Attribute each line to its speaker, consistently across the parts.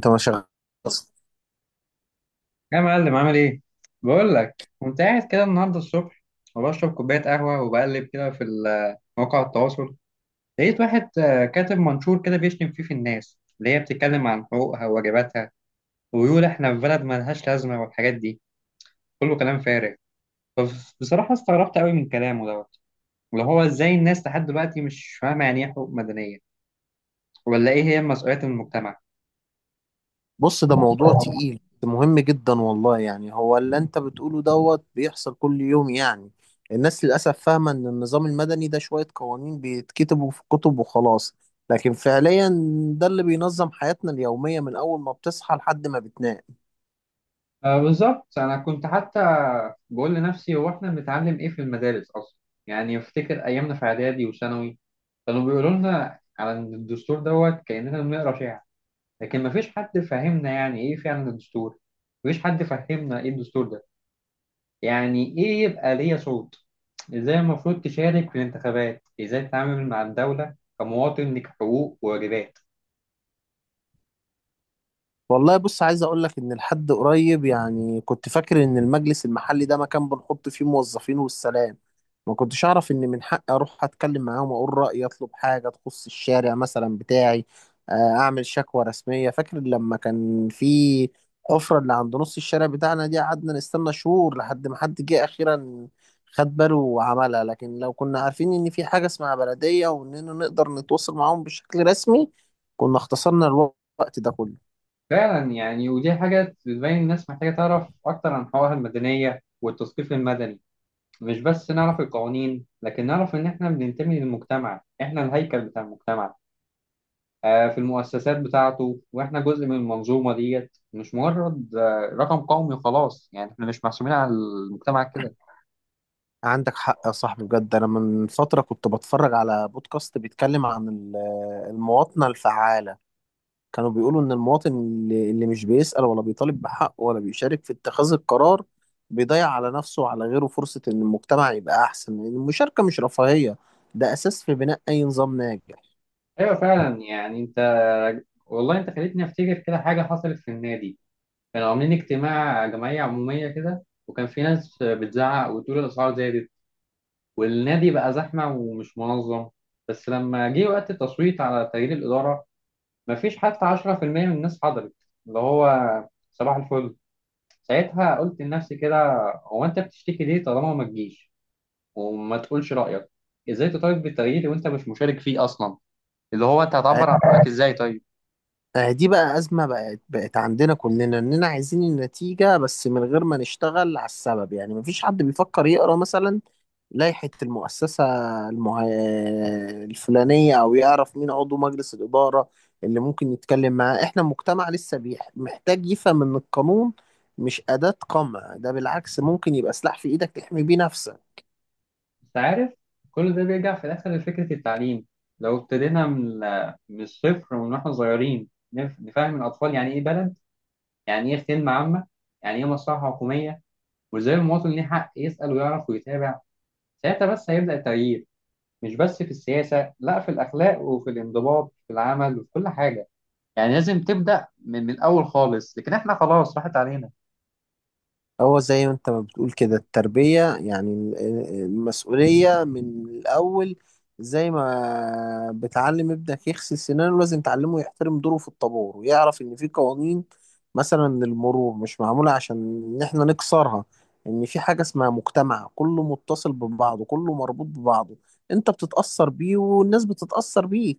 Speaker 1: انت ما شغال اصلا.
Speaker 2: يا معلم، عامل ايه؟ بقول لك كنت قاعد كده النهارده الصبح، وبشرب كوبايه قهوه وبقلب كده في مواقع التواصل. لقيت واحد كاتب منشور كده بيشتم فيه في الناس اللي هي بتتكلم عن حقوقها وواجباتها، ويقول احنا في بلد ملهاش لازمه والحاجات دي كله كلام فارغ. فبصراحه استغربت قوي من كلامه دوت، اللي هو ازاي الناس لحد دلوقتي مش فاهمه يعني ايه حقوق مدنيه ولا ايه هي مسؤوليات المجتمع؟
Speaker 1: بص، ده موضوع تقيل، مهم جدا والله. يعني هو اللي انت بتقوله دوت بيحصل كل يوم يعني. الناس للاسف فاهمه ان النظام المدني ده شويه قوانين بيتكتبوا في كتب وخلاص، لكن فعليا ده اللي بينظم حياتنا اليوميه من اول ما بتصحى لحد ما بتنام.
Speaker 2: آه، بالظبط، انا كنت حتى بقول لنفسي، هو احنا بنتعلم ايه في المدارس اصلا؟ يعني افتكر ايامنا في اعدادي وثانوي، كانوا بيقولوا لنا على إن الدستور دوت كاننا بنقرا شعر، لكن ما فيش حد فهمنا يعني ايه فعلا الدستور. ما فيش حد فهمنا ايه الدستور ده، يعني ايه يبقى ليا صوت، ازاي المفروض تشارك في الانتخابات، ازاي تتعامل مع الدولة كمواطن لك حقوق وواجبات.
Speaker 1: والله بص، عايز اقول لك ان لحد قريب يعني كنت فاكر ان المجلس المحلي ده مكان بنحط فيه موظفين والسلام. ما كنتش اعرف ان من حقي اروح اتكلم معاهم واقول رايي، اطلب حاجه تخص الشارع مثلا بتاعي، آه، اعمل شكوى رسميه. فاكر لما كان في حفره اللي عند نص الشارع بتاعنا دي؟ قعدنا نستنى شهور لحد ما حد جه اخيرا خد باله وعملها. لكن لو كنا عارفين ان في حاجه اسمها بلديه واننا نقدر نتواصل معاهم بشكل رسمي، كنا اختصرنا الوقت ده كله.
Speaker 2: فعلا، يعني ودي حاجة بتبين الناس محتاجة تعرف أكتر عن حقوقها المدنية والتثقيف المدني. مش بس نعرف القوانين، لكن نعرف إن إحنا بننتمي للمجتمع، إحنا الهيكل بتاع المجتمع، في المؤسسات بتاعته، وإحنا جزء من المنظومة ديت، مش مجرد رقم قومي خلاص، يعني إحنا مش محسوبين على المجتمع كده.
Speaker 1: عندك حق يا صاحبي، بجد. انا من فتره كنت بتفرج على بودكاست بيتكلم عن المواطنه الفعاله. كانوا بيقولوا ان المواطن اللي مش بيسأل ولا بيطالب بحقه ولا بيشارك في اتخاذ القرار، بيضيع على نفسه وعلى غيره فرصه ان المجتمع يبقى احسن، لان المشاركه مش رفاهيه، ده اساس في بناء اي نظام ناجح.
Speaker 2: أيوة، فعلا. يعني أنت، والله أنت خليتني أفتكر كده حاجة حصلت في النادي. كانوا عاملين اجتماع جمعية عمومية كده، وكان في ناس بتزعق وتقول الأسعار زادت والنادي بقى زحمة ومش منظم. بس لما جه وقت التصويت على تغيير الإدارة، مفيش حتى 10% من الناس حضرت. اللي هو، صباح الفل. ساعتها قلت لنفسي كده، هو انت بتشتكي ليه طالما ما تجيش وما تقولش رأيك؟ ازاي تطالب بالتغيير وانت مش مشارك فيه اصلا؟ اللي هو انت هتعبر عن رأيك ازاي طيب؟
Speaker 1: دي بقى أزمة بقت عندنا كلنا، إننا عايزين النتيجة بس من غير ما نشتغل على السبب. يعني مفيش حد بيفكر يقرأ مثلا لائحة المؤسسة المه... الفلانية، أو يعرف مين عضو مجلس الإدارة اللي ممكن يتكلم معاه. إحنا مجتمع لسه محتاج يفهم إن القانون مش أداة قمع، ده بالعكس ممكن يبقى سلاح في إيدك تحمي بيه نفسك.
Speaker 2: انت عارف، كل ده بيرجع في الاخر لفكرة التعليم. لو ابتدينا من الصفر ومن واحنا صغيرين، نفهم الاطفال يعني ايه بلد، يعني ايه خدمة عامة، يعني ايه مصلحة حكومية، وازاي المواطن ليه حق يسأل ويعرف ويتابع. ساعتها بس هيبدأ التغيير، مش بس في السياسة، لا، في الأخلاق وفي الانضباط في العمل وفي كل حاجة. يعني لازم تبدأ من الأول خالص، لكن إحنا خلاص راحت علينا.
Speaker 1: هو زي ما انت ما بتقول كده، التربية يعني المسؤولية من الأول. زي ما بتعلم ابنك يغسل سنانه، لازم تعلمه يحترم دوره في الطابور ويعرف إن في قوانين. مثلا المرور مش معمولة عشان إن إحنا نكسرها، إن في حاجة اسمها مجتمع كله متصل ببعضه، كله مربوط ببعضه. أنت بتتأثر بيه والناس بتتأثر بيه.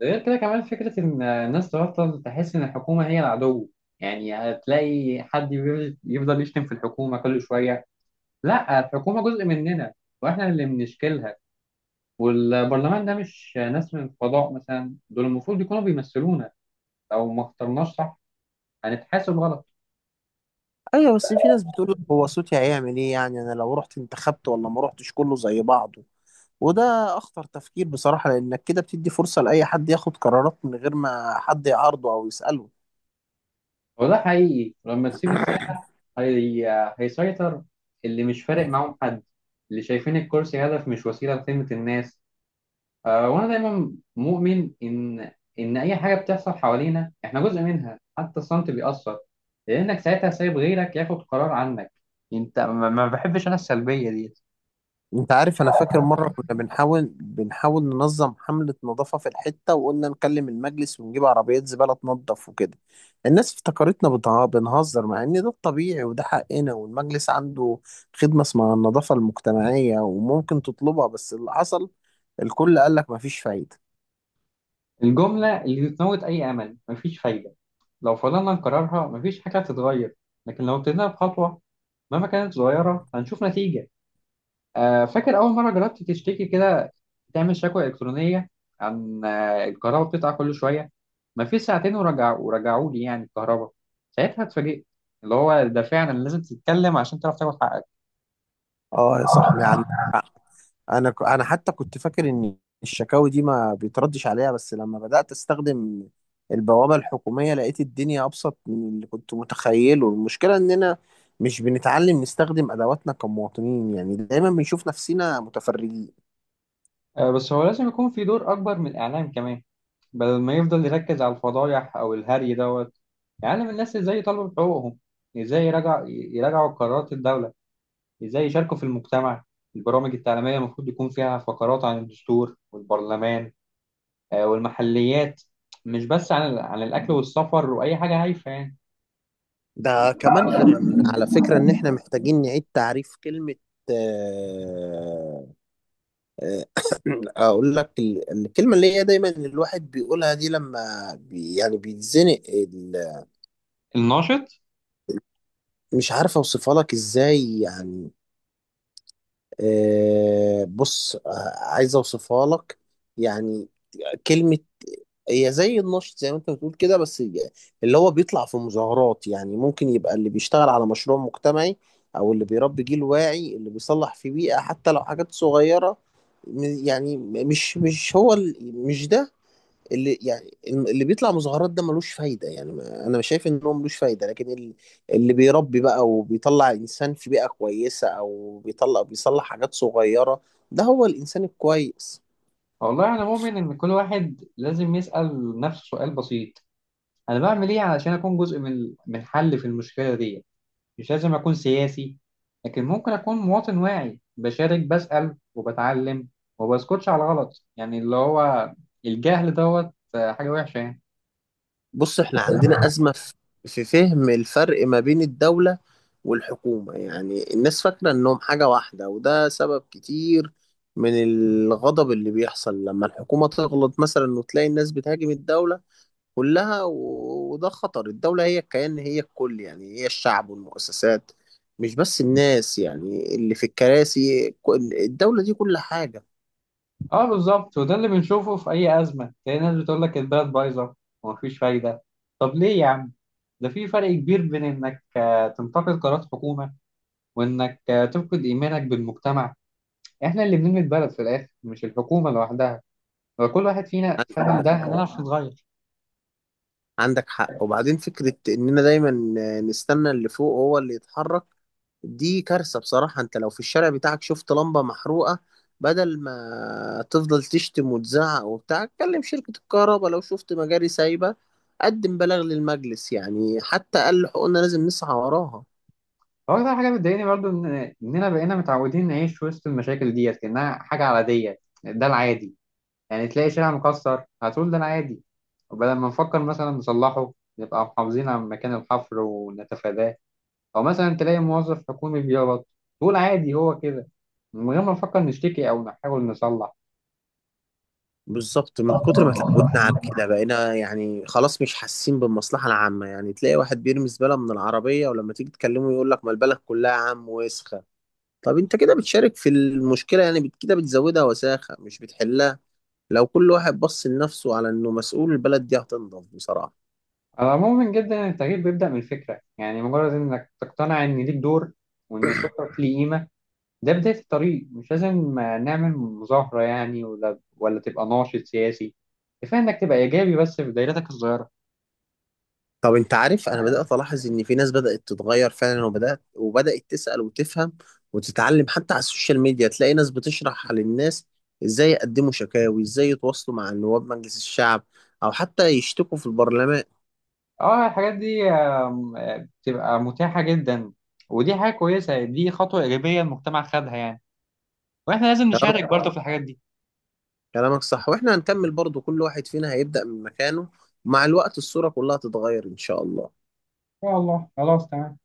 Speaker 2: ده غير كده كمان فكرة إن الناس تبطل تحس إن الحكومة هي العدو. يعني هتلاقي حد يفضل يشتم في الحكومة كل شوية. لا، الحكومة جزء مننا، وإحنا اللي بنشكلها. والبرلمان ده مش ناس من الفضاء مثلا، دول المفروض يكونوا بيمثلونا. لو ما اخترناش صح، هنتحاسب غلط.
Speaker 1: أيوة، بس في ناس بتقول لك هو صوتي هيعمل إيه يعني، أنا لو رحت انتخبت ولا ما رحتش كله زي بعضه. وده اخطر تفكير بصراحة، لانك كده بتدي فرصة لاي حد ياخد قرارات من غير ما حد يعارضه او يسأله.
Speaker 2: هو ده حقيقي، لما تسيب الساحة هيسيطر اللي مش فارق معاهم حد، اللي شايفين الكرسي هدف مش وسيلة لخدمة الناس. آه، وأنا دايما مؤمن إن أي حاجة بتحصل حوالينا إحنا جزء منها، حتى الصمت بيأثر. لأنك ساعتها سايب غيرك ياخد قرار عنك. أنت، ما بحبش أنا السلبية دي.
Speaker 1: انت عارف، انا فاكر مرة كنا بنحاول ننظم حملة نظافة في الحتة، وقلنا نكلم المجلس ونجيب عربيات زبالة تنظف وكده. الناس افتكرتنا بنهزر، مع ان ده الطبيعي وده حقنا، والمجلس عنده خدمة اسمها النظافة المجتمعية وممكن تطلبها. بس اللي حصل، الكل قال لك مفيش فايدة.
Speaker 2: الجملة اللي بتموت أي أمل، مفيش فايدة. لو فضلنا نكررها، مفيش حاجة هتتغير. لكن لو ابتدينا بخطوة، مهما كانت صغيرة، هنشوف نتيجة. فاكر أول مرة جربت تشتكي كده، تعمل شكوى إلكترونية عن الكهرباء بتقطع كل شوية؟ مفيش ساعتين، ورجعوا لي يعني الكهرباء. ساعتها اتفاجئت، اللي هو ده فعلا لازم تتكلم عشان تعرف تاخد حقك.
Speaker 1: اه يا صاحبي عندك حق. انا انا حتى كنت فاكر ان الشكاوي دي ما بيتردش عليها، بس لما بدأت استخدم البوابة الحكومية لقيت الدنيا ابسط من اللي كنت متخيله. المشكلة اننا مش بنتعلم نستخدم ادواتنا كمواطنين، يعني دايما بنشوف نفسنا متفرجين.
Speaker 2: بس هو لازم يكون في دور أكبر من الإعلام كمان. بدل ما يفضل يركز على الفضايح أو الهري دوت، يعلم الناس إزاي يطالبوا بحقوقهم، إزاي يراجعوا قرارات الدولة، إزاي يشاركوا في المجتمع. البرامج التعليمية المفروض يكون فيها فقرات عن الدستور والبرلمان والمحليات، مش بس عن الأكل والسفر وأي حاجة هايفة يعني.
Speaker 1: ده كمان غير ان على فكرة ان احنا محتاجين نعيد تعريف كلمة، آه، آه، اقول لك، الكلمة اللي هي دايما الواحد بيقولها دي لما يعني بيتزنق.
Speaker 2: الناشط،
Speaker 1: مش عارف اوصفها لك ازاي يعني. آه بص، آه عايز اوصفها لك يعني. كلمة هي زي النشط زي ما انت بتقول كده، بس اللي هو بيطلع في مظاهرات. يعني ممكن يبقى اللي بيشتغل على مشروع مجتمعي، او اللي بيربي جيل واعي، اللي بيصلح في بيئة حتى لو حاجات صغيرة. يعني مش مش هو ال- مش ده اللي يعني. اللي بيطلع مظاهرات ده ملوش فايدة، يعني أنا مش شايف إن هو ملوش فايدة، لكن اللي بيربي بقى وبيطلع إنسان في بيئة كويسة، أو بيطلع بيصلح حاجات صغيرة، ده هو الإنسان الكويس.
Speaker 2: والله أنا مؤمن إن كل واحد لازم يسأل نفسه سؤال بسيط، أنا بعمل إيه علشان أكون جزء من الحل في المشكلة دي؟ مش لازم أكون سياسي، لكن ممكن أكون مواطن واعي بشارك، بسأل وبتعلم، وبسكتش على الغلط، يعني اللي هو الجهل دوت، حاجة وحشة يعني.
Speaker 1: بص، إحنا عندنا أزمة في في فهم الفرق ما بين الدولة والحكومة. يعني الناس فاكرة إنهم حاجة واحدة، وده سبب كتير من الغضب اللي بيحصل لما الحكومة تغلط مثلا وتلاقي الناس بتهاجم الدولة كلها. وده خطر. الدولة هي الكيان، هي الكل، يعني هي الشعب والمؤسسات، مش بس الناس يعني اللي في الكراسي. الدولة دي كل حاجة.
Speaker 2: اه، بالظبط، وده اللي بنشوفه في اي ازمه، تلاقي ناس بتقول لك البلد بايظه ومفيش فايده. طب ليه يا عم؟ ده في فرق كبير بين انك تنتقد قرارات حكومه، وانك تفقد ايمانك بالمجتمع. احنا اللي بنبني البلد في الاخر، مش الحكومه لوحدها. لو كل واحد فينا فاهم ده،
Speaker 1: عندك
Speaker 2: هنعرف نتغير.
Speaker 1: عندك حق. وبعدين فكرة إننا دايما نستنى اللي فوق هو اللي يتحرك، دي كارثة بصراحة. انت لو في الشارع بتاعك شفت لمبة محروقة، بدل ما تفضل تشتم وتزعق وبتاع، كلم شركة الكهرباء. لو شفت مجاري سايبة، قدم بلاغ للمجلس. يعني حتى أقل حقوقنا لازم نسعى وراها.
Speaker 2: هو ده حاجه بتضايقني برضو، ان اننا بقينا متعودين نعيش وسط المشاكل ديت كانها حاجه عاديه. ده العادي، يعني تلاقي شارع مكسر هتقول ده أنا عادي، وبدل ما نفكر مثلا نصلحه، نبقى محافظين على مكان الحفر ونتفاداه. أو مثلا تلاقي موظف حكومي بيغلط، تقول عادي هو كده، من غير ما نفكر نشتكي أو نحاول نصلح.
Speaker 1: بالظبط، من كتر ما اتعودنا على كده بقينا يعني خلاص مش حاسين بالمصلحة العامة. يعني تلاقي واحد بيرمي زبالة من العربية، ولما تيجي تكلمه يقول لك ما البلد كلها يا عم وسخة. طب انت كده بتشارك في المشكلة، يعني كده بتزودها وساخة مش بتحلها. لو كل واحد بص لنفسه على انه مسؤول، البلد دي هتنضف بصراحة.
Speaker 2: على العموم، جدا إن التغيير بيبدأ من الفكرة، يعني مجرد إنك تقتنع إن ليك دور، وإن صوتك ليه قيمة، ده بداية الطريق. مش لازم نعمل مظاهرة يعني، ولا تبقى ناشط سياسي. كفاية إنك تبقى إيجابي بس في دايرتك الصغيرة.
Speaker 1: طب انت عارف، انا بدأت الاحظ ان في ناس بدأت تتغير فعلا، وبدأت تسأل وتفهم وتتعلم. حتى على السوشيال ميديا تلاقي ناس بتشرح للناس ازاي يقدموا شكاوي، ازاي يتواصلوا مع نواب مجلس الشعب، او حتى يشتكوا في البرلمان.
Speaker 2: اه، الحاجات دي بتبقى متاحة جدا، ودي حاجة كويسة، دي خطوة إيجابية المجتمع خدها يعني. واحنا لازم
Speaker 1: كلامك
Speaker 2: نشارك برضه في الحاجات دي.
Speaker 1: كلامك صح. واحنا هنكمل برضو، كل واحد فينا هيبدأ من مكانه، ومع الوقت الصورة كلها تتغير ان شاء الله.
Speaker 2: إن شاء الله، خلاص تمام.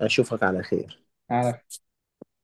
Speaker 1: اشوفك على خير.
Speaker 2: على